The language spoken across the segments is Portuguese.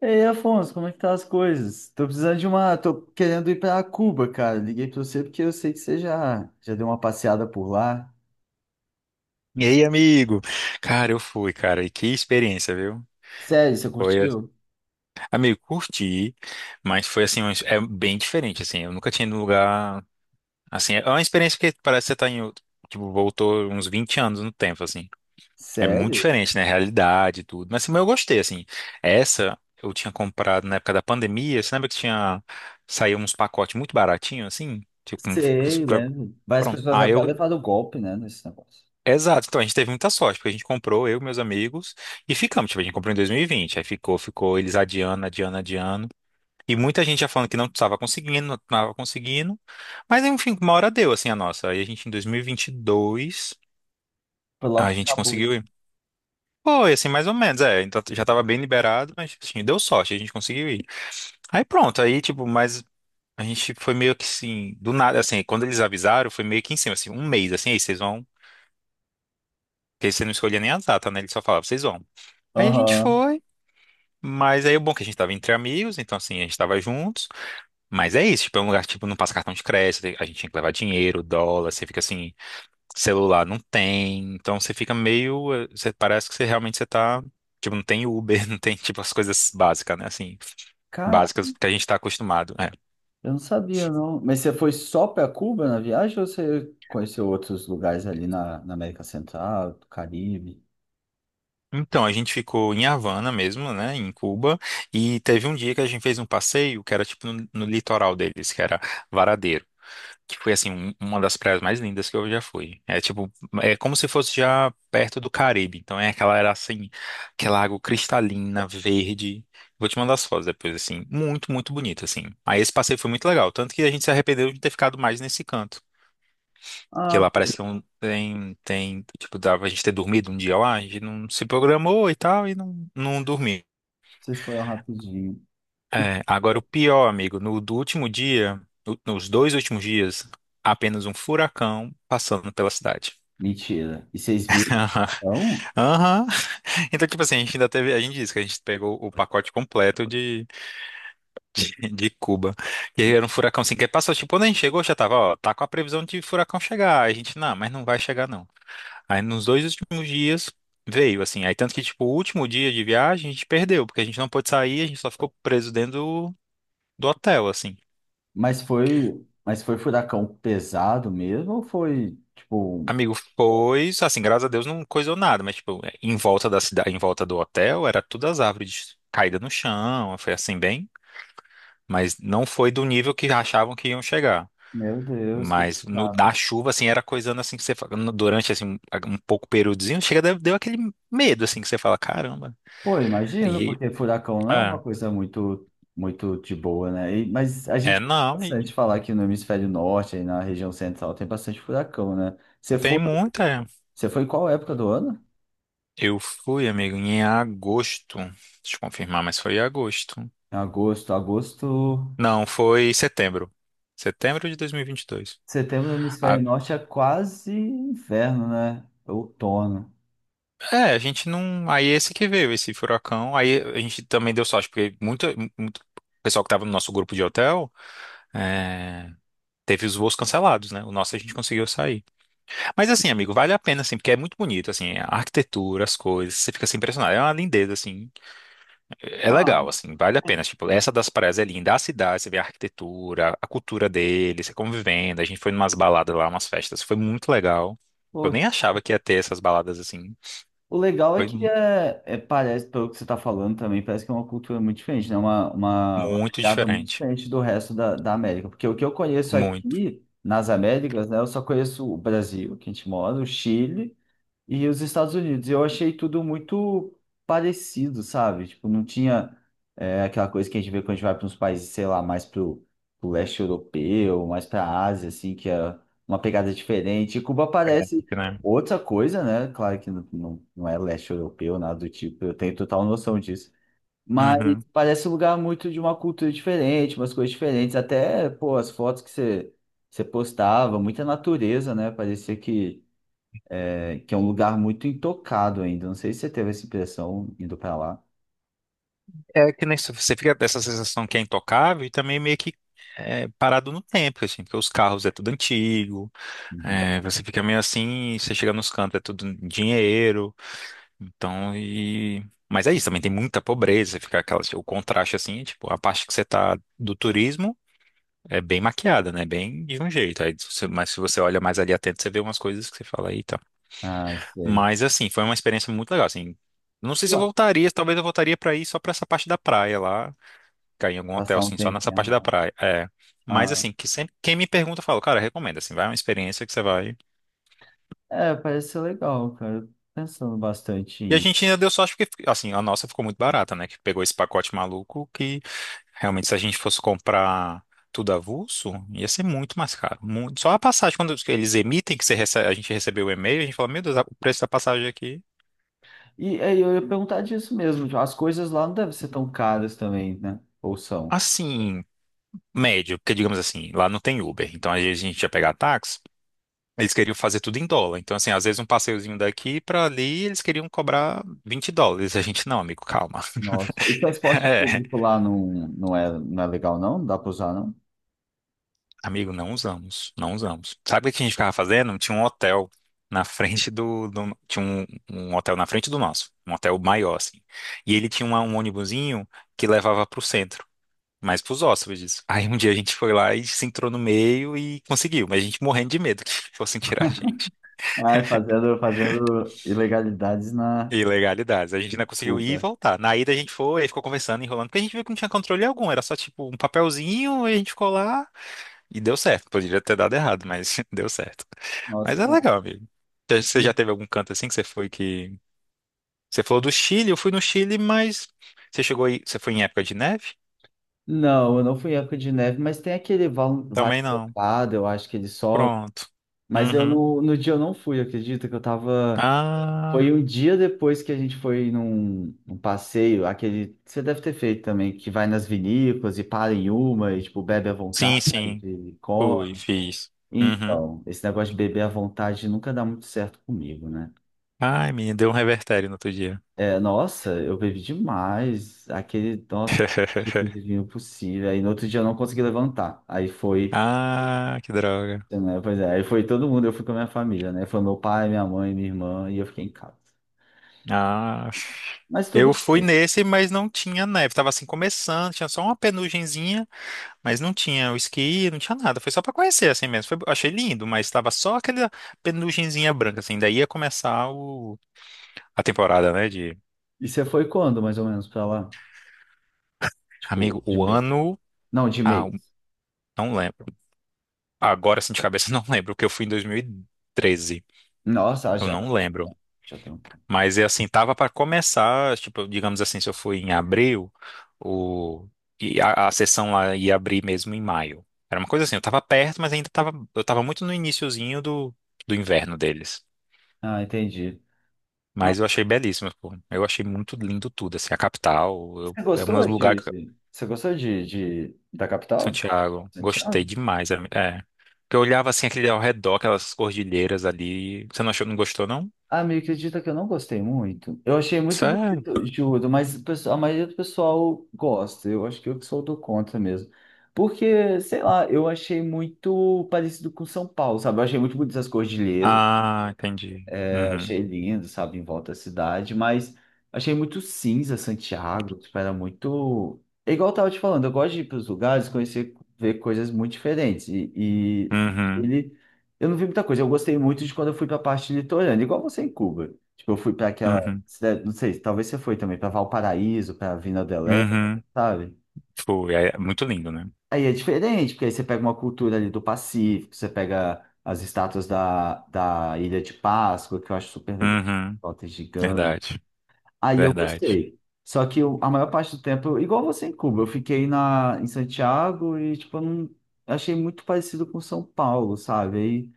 Ei, Afonso, como é que tá as coisas? Tô precisando de uma. Tô querendo ir pra Cuba, cara. Liguei pra você porque eu sei que você já deu uma passeada por lá. E aí, amigo? Cara, eu fui, cara, e que experiência, viu? Sério, você Foi, curtiu? amigo, curti, mas foi assim, é bem diferente, assim, eu nunca tinha ido num lugar, assim, é uma experiência que parece que você tá em, tipo, voltou uns 20 anos no tempo, assim, é muito Sério? diferente, né, realidade e tudo, mas, assim, mas eu gostei, assim, essa eu tinha comprado na época da pandemia, você lembra que tinha, saiu uns pacotes muito baratinhos, assim, tipo, Sei, lembro. Várias pronto, pessoas aí até eu levaram golpe, né, nesse negócio. exato, então a gente teve muita sorte, porque a gente comprou, eu e meus amigos, e ficamos. Tipo, a gente comprou em 2020, aí ficou, ficou, eles adiando, adiando, adiando. E muita gente já falando que não estava conseguindo, não estava conseguindo. Mas enfim, uma hora deu, assim, a nossa. Aí a gente, em 2022, Foi logo a que gente acabou, hein? conseguiu ir. Foi, assim, mais ou menos, é. Então já estava bem liberado, mas, assim, deu sorte, a gente conseguiu ir. Aí pronto, aí tipo, mas a gente foi meio que assim, do nada, assim, quando eles avisaram, foi meio que em cima, assim, um mês, assim, aí vocês vão, porque você não escolhia nem a data, né? Eles só falavam, vocês vão. Aí a gente Aham. foi, mas aí o bom é que a gente tava entre amigos, então assim, a gente tava juntos, mas é isso, tipo, é um lugar que tipo, não passa cartão de crédito, a gente tinha que levar dinheiro, dólar, você fica assim, celular não tem, então você fica meio, você parece que você realmente você tá, tipo, não tem Uber, não tem, tipo, as coisas básicas, né, assim, Cara, básicas que a gente tá acostumado, é. eu não sabia, não. Mas você foi só pra Cuba na viagem ou você conheceu outros lugares ali na, América Central, do Caribe? Então, a gente ficou em Havana mesmo, né, em Cuba, e teve um dia que a gente fez um passeio que era, tipo, no, no litoral deles, que era Varadeiro. Que foi assim uma das praias mais lindas que eu já fui. É tipo, é como se fosse já perto do Caribe. Então é aquela era assim, aquela água cristalina, verde. Vou te mandar as fotos depois assim, muito, muito bonito assim. Aí esse passeio foi muito legal, tanto que a gente se arrependeu de ter ficado mais nesse canto, porque Ah, lá pô, parece que não tem tipo dava a gente ter dormido um dia lá, a gente não se programou e tal e não dormiu. vocês foram rapidinho. É, agora o pior, amigo, no do último dia, nos dois últimos dias, apenas um furacão passando pela cidade. Mentira. E vocês viram, Aham. então? Aham. Então, tipo assim, a gente ainda teve. A gente disse que a gente pegou o pacote completo de Cuba. E aí era um furacão assim, que passou, tipo, quando a gente chegou, já tava, ó, tá com a previsão de furacão chegar. Aí a gente, não, mas não vai chegar, não. Aí nos dois últimos dias veio, assim. Aí tanto que, tipo, o último dia de viagem a gente perdeu, porque a gente não pôde sair, a gente só ficou preso dentro do, do hotel, assim. Mas foi, mas foi furacão pesado mesmo ou foi tipo, Amigo, foi, assim, graças a Deus não coisou nada, mas, tipo, em volta da cidade, em volta do hotel, era tudo as árvores caídas no chão, foi assim, bem. Mas não foi do nível que achavam que iam chegar. meu Deus, que Mas no da pesado. chuva, assim, era coisando assim que você fala, durante assim, um pouco períodozinho, chega, deu, deu aquele medo assim que você fala, caramba. Pô, imagino, E porque furacão não é uma é, coisa muito muito de boa, né? Mas a é gente ouve não, e bastante falar que no hemisfério norte, aí na região central, tem bastante furacão, né? Você tem foi, muita. É. você foi em qual época do ano? Eu fui, amigo, em agosto. Deixa eu confirmar, mas foi em agosto. Em agosto, agosto, Não, foi setembro. Setembro de 2022. setembro no A- hemisfério norte é quase inverno, né? Outono. É, a gente não. Aí é esse que veio, esse furacão. Aí a gente também deu sorte, porque muito, muito pessoal que tava no nosso grupo de hotel. É, teve os voos cancelados, né? O nosso a gente conseguiu sair. Mas assim, amigo, vale a pena, assim, porque é muito bonito, assim, a arquitetura, as coisas, você fica assim impressionado. É uma lindeza, assim, é Ah, legal, assim, vale a é, pena. Tipo, essa das praias é linda, a cidade, você vê a arquitetura, a cultura deles, você convivendo. A gente foi numas baladas lá, umas festas, foi muito legal. Eu pô, nem achava que ia ter essas baladas assim. o legal é Foi que mu- é, parece, pelo que você está falando também, parece que é uma cultura muito diferente, né? Uma Muito pegada muito diferente. diferente do resto da, América. Porque o que eu conheço Muito aqui nas Américas, né? Eu só conheço o Brasil, que a gente mora, o Chile e os Estados Unidos. E eu achei tudo muito parecido, sabe? Tipo, não tinha aquela coisa que a gente vê quando a gente vai para uns países, sei lá, mais pro, leste europeu, mais para a Ásia, assim, que é uma pegada diferente. E Cuba parece diferente, né? outra coisa, né? Claro que não, não, não é leste europeu, nada do tipo, eu tenho total noção disso. Mas Uhum. parece um lugar muito de uma cultura diferente, umas coisas diferentes. Até, pô, as fotos que você postava, muita natureza, né? Parecia que é um lugar muito intocado ainda. Não sei se você teve essa impressão indo para lá. É que nem você fica dessa sensação que é intocável e também meio que é, parado no tempo, assim, porque os carros é tudo antigo, Uhum. é, você fica meio assim, você chega nos cantos, é tudo dinheiro, então e. Mas é isso, também tem muita pobreza, fica aquela, o contraste assim, é tipo, a parte que você tá do turismo é bem maquiada, né? Bem de um jeito. Aí, se mas se você olha mais ali atento, você vê umas coisas que você fala, eita. Ah, sei. Mas assim, foi uma experiência muito legal, assim. Não sei se eu Ué. voltaria, talvez eu voltaria pra ir só pra essa parte da praia lá. Cair em algum hotel, Passar um assim, só nessa tempinho a parte da mais. praia. É. Mas, Ah, assim, que sempre, quem me pergunta, eu falo, cara, recomendo, assim, vai é uma experiência que você vai. é, parece ser legal, cara. Eu tô pensando bastante E a em ir. gente ainda deu sorte porque, assim, a nossa ficou muito barata, né? Que pegou esse pacote maluco que, realmente, se a gente fosse comprar tudo avulso, ia ser muito mais caro. Muito. Só a passagem, quando eles emitem, que você a gente recebeu o e-mail, a gente fala, meu Deus, o preço da passagem aqui, E aí eu ia perguntar disso mesmo. Tipo, as coisas lá não devem ser tão caras também, né? Ou são? assim, médio, porque, digamos assim, lá não tem Uber. Então, às vezes a gente ia pegar táxi. Eles queriam fazer tudo em dólar. Então, assim, às vezes um passeiozinho daqui pra ali, eles queriam cobrar 20 dólares. A gente, não, amigo, calma. Nossa. E transporte É, público lá não, não é legal, não? Não dá pra usar, não? amigo, não usamos, não usamos. Sabe o que a gente ficava fazendo? Tinha um hotel na frente tinha um, um hotel na frente do nosso, um hotel maior, assim. E ele tinha um ônibusinho que levava pro centro, mas pros hóspedes. Aí um dia a gente foi lá e se entrou no meio e conseguiu, mas a gente morrendo de medo que fossem tirar a gente. Ah, fazendo ilegalidades na Ilegalidades. A gente ainda conseguiu ir e Cuba. voltar. Na ida a gente foi, aí ficou conversando, enrolando, porque a gente viu que não tinha controle algum, era só tipo um papelzinho, aí a gente ficou lá e deu certo. Poderia ter dado errado, mas deu certo. Nossa, Mas que é bom. legal, amigo. Você já teve algum canto assim que você foi que. Você falou do Chile, eu fui no Chile, mas você chegou aí. Você foi em época de neve? Não, eu não fui em época de neve, mas tem aquele vale Também não. nevado, eu acho que ele sobe. Pronto. Mas eu Uhum. não, no dia eu não fui, acredita que eu tava. Ah, Foi um dia depois que a gente foi num, passeio, aquele. Você deve ter feito também, que vai nas vinícolas e para em uma e, tipo, bebe à sim, vontade, sim. e Fui, come. fiz. Uhum. Então, esse negócio de beber à vontade nunca dá muito certo comigo, né? Ai, menina, deu um revertério no outro dia. É, nossa, eu bebi demais, aquele, nossa, tipo de vinho possível. Aí no outro dia eu não consegui levantar. Aí foi. Ah, que droga. Né? Pois é, aí foi todo mundo, eu fui com a minha família, né? Foi meu pai, minha mãe, minha irmã, e eu fiquei em casa. Ah, Mas eu tudo fui bem. nesse, mas não tinha neve. Tava assim começando, tinha só uma penugenzinha, mas não tinha o esqui, não tinha nada. Foi só pra conhecer assim mesmo. Achei lindo, mas tava só aquela penugenzinha branca assim. Daí ia começar a temporada, né? De E você foi quando, mais ou menos, pra lá? Tipo, amigo, de o mês. ano, Não, de ah, mês. não lembro. Agora assim de cabeça não lembro, porque eu fui em 2013. Nossa, ah, Eu já, não lembro. Tem um tempo. Mas é assim, tava para começar, tipo, digamos assim, se eu fui em abril, o e a sessão lá ia abrir mesmo em maio. Era uma coisa assim, eu tava perto, mas ainda tava, eu tava muito no iniciozinho do, do inverno deles. Ah, entendi. Ah, Mas eu achei belíssimo, pô. Eu achei muito lindo tudo, assim, a capital, você é um gostou lugar que de. Você gostou de da capital? Santiago, gostei Santiago? demais, é, é. Porque eu olhava assim aquele ao redor, aquelas cordilheiras ali. Você não achou, não gostou, não? Ah, me acredita que eu não gostei muito. Eu achei muito Sério? bonito, juro, mas o a maioria do pessoal gosta. Eu acho que eu que sou do contra mesmo. Porque, sei lá, eu achei muito parecido com São Paulo, sabe? Eu achei muito bonito as cordilheiras Ah, entendi. Uhum. achei lindo, sabe, em volta da cidade, mas achei muito cinza Santiago, tipo, era muito. É igual eu tava te falando, eu gosto de ir para os lugares, conhecer, ver coisas muito diferentes. E Uhum. ele, eu não vi muita coisa, eu gostei muito de quando eu fui para a parte litorânea, igual você em Cuba. Tipo, eu fui para aquela Uhum. cidade, não sei, talvez você foi também, para Valparaíso, para Vina del Leste, Uhum. sabe? Foi, é muito lindo, né? Aí é diferente, porque aí você pega uma cultura ali do Pacífico, você pega as estátuas da, Ilha de Páscoa, que eu acho super legal, Uhum, totem gigante. verdade, Aí eu verdade. gostei. Só que a maior parte do tempo, igual você em Cuba, eu fiquei em Santiago e, tipo, eu não, eu achei muito parecido com São Paulo, sabe? Aí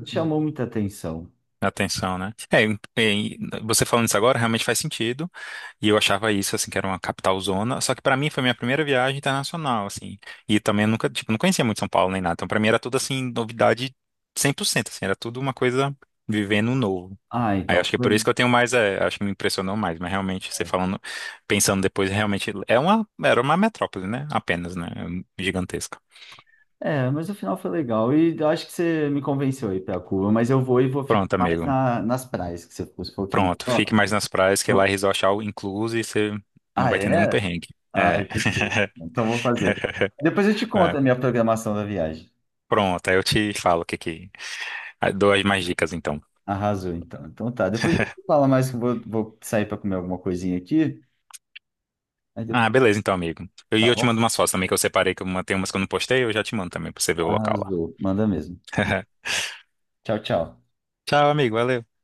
não chamou muita atenção. atenção, né? É, você falando isso agora realmente faz sentido. E eu achava isso, assim, que era uma capital zona. Só que pra mim foi minha primeira viagem internacional, assim. E também eu nunca, tipo, não conhecia muito São Paulo nem nada. Então pra mim era tudo, assim, novidade 100%, assim. Era tudo uma coisa vivendo novo. Ah, Aí eu acho então. que é por isso que eu tenho mais, é, acho que me impressionou mais. Mas realmente, você falando, pensando depois, realmente é uma, era uma metrópole, né? Apenas, né? Gigantesca. É, mas o final foi legal. E eu acho que você me convenceu a ir pra Cuba, mas eu vou e vou ficar Pronto, mais amigo. na, nas praias que você falou que é Pronto. Fique melhor. mais nas praias, que lá é resort é all incluso e você não Ah, vai ter nenhum é? perrengue. É. Ai, que tudo. Então vou fazer. Depois eu te É, conto a minha programação da viagem. pronto, aí eu te falo o que que. Ah, dou as mais dicas então. Arrasou, então. Então tá. Depois eu te falo mais que eu vou, sair para comer alguma coisinha aqui. Aí Ah, depois, beleza então, amigo. E tá eu, te bom? mando umas fotos também que eu separei, que eu tenho umas que eu não postei, eu já te mando também pra você ver o local lá. Arrasou. Manda mesmo. Tchau, tchau. Tchau, amigo. Valeu.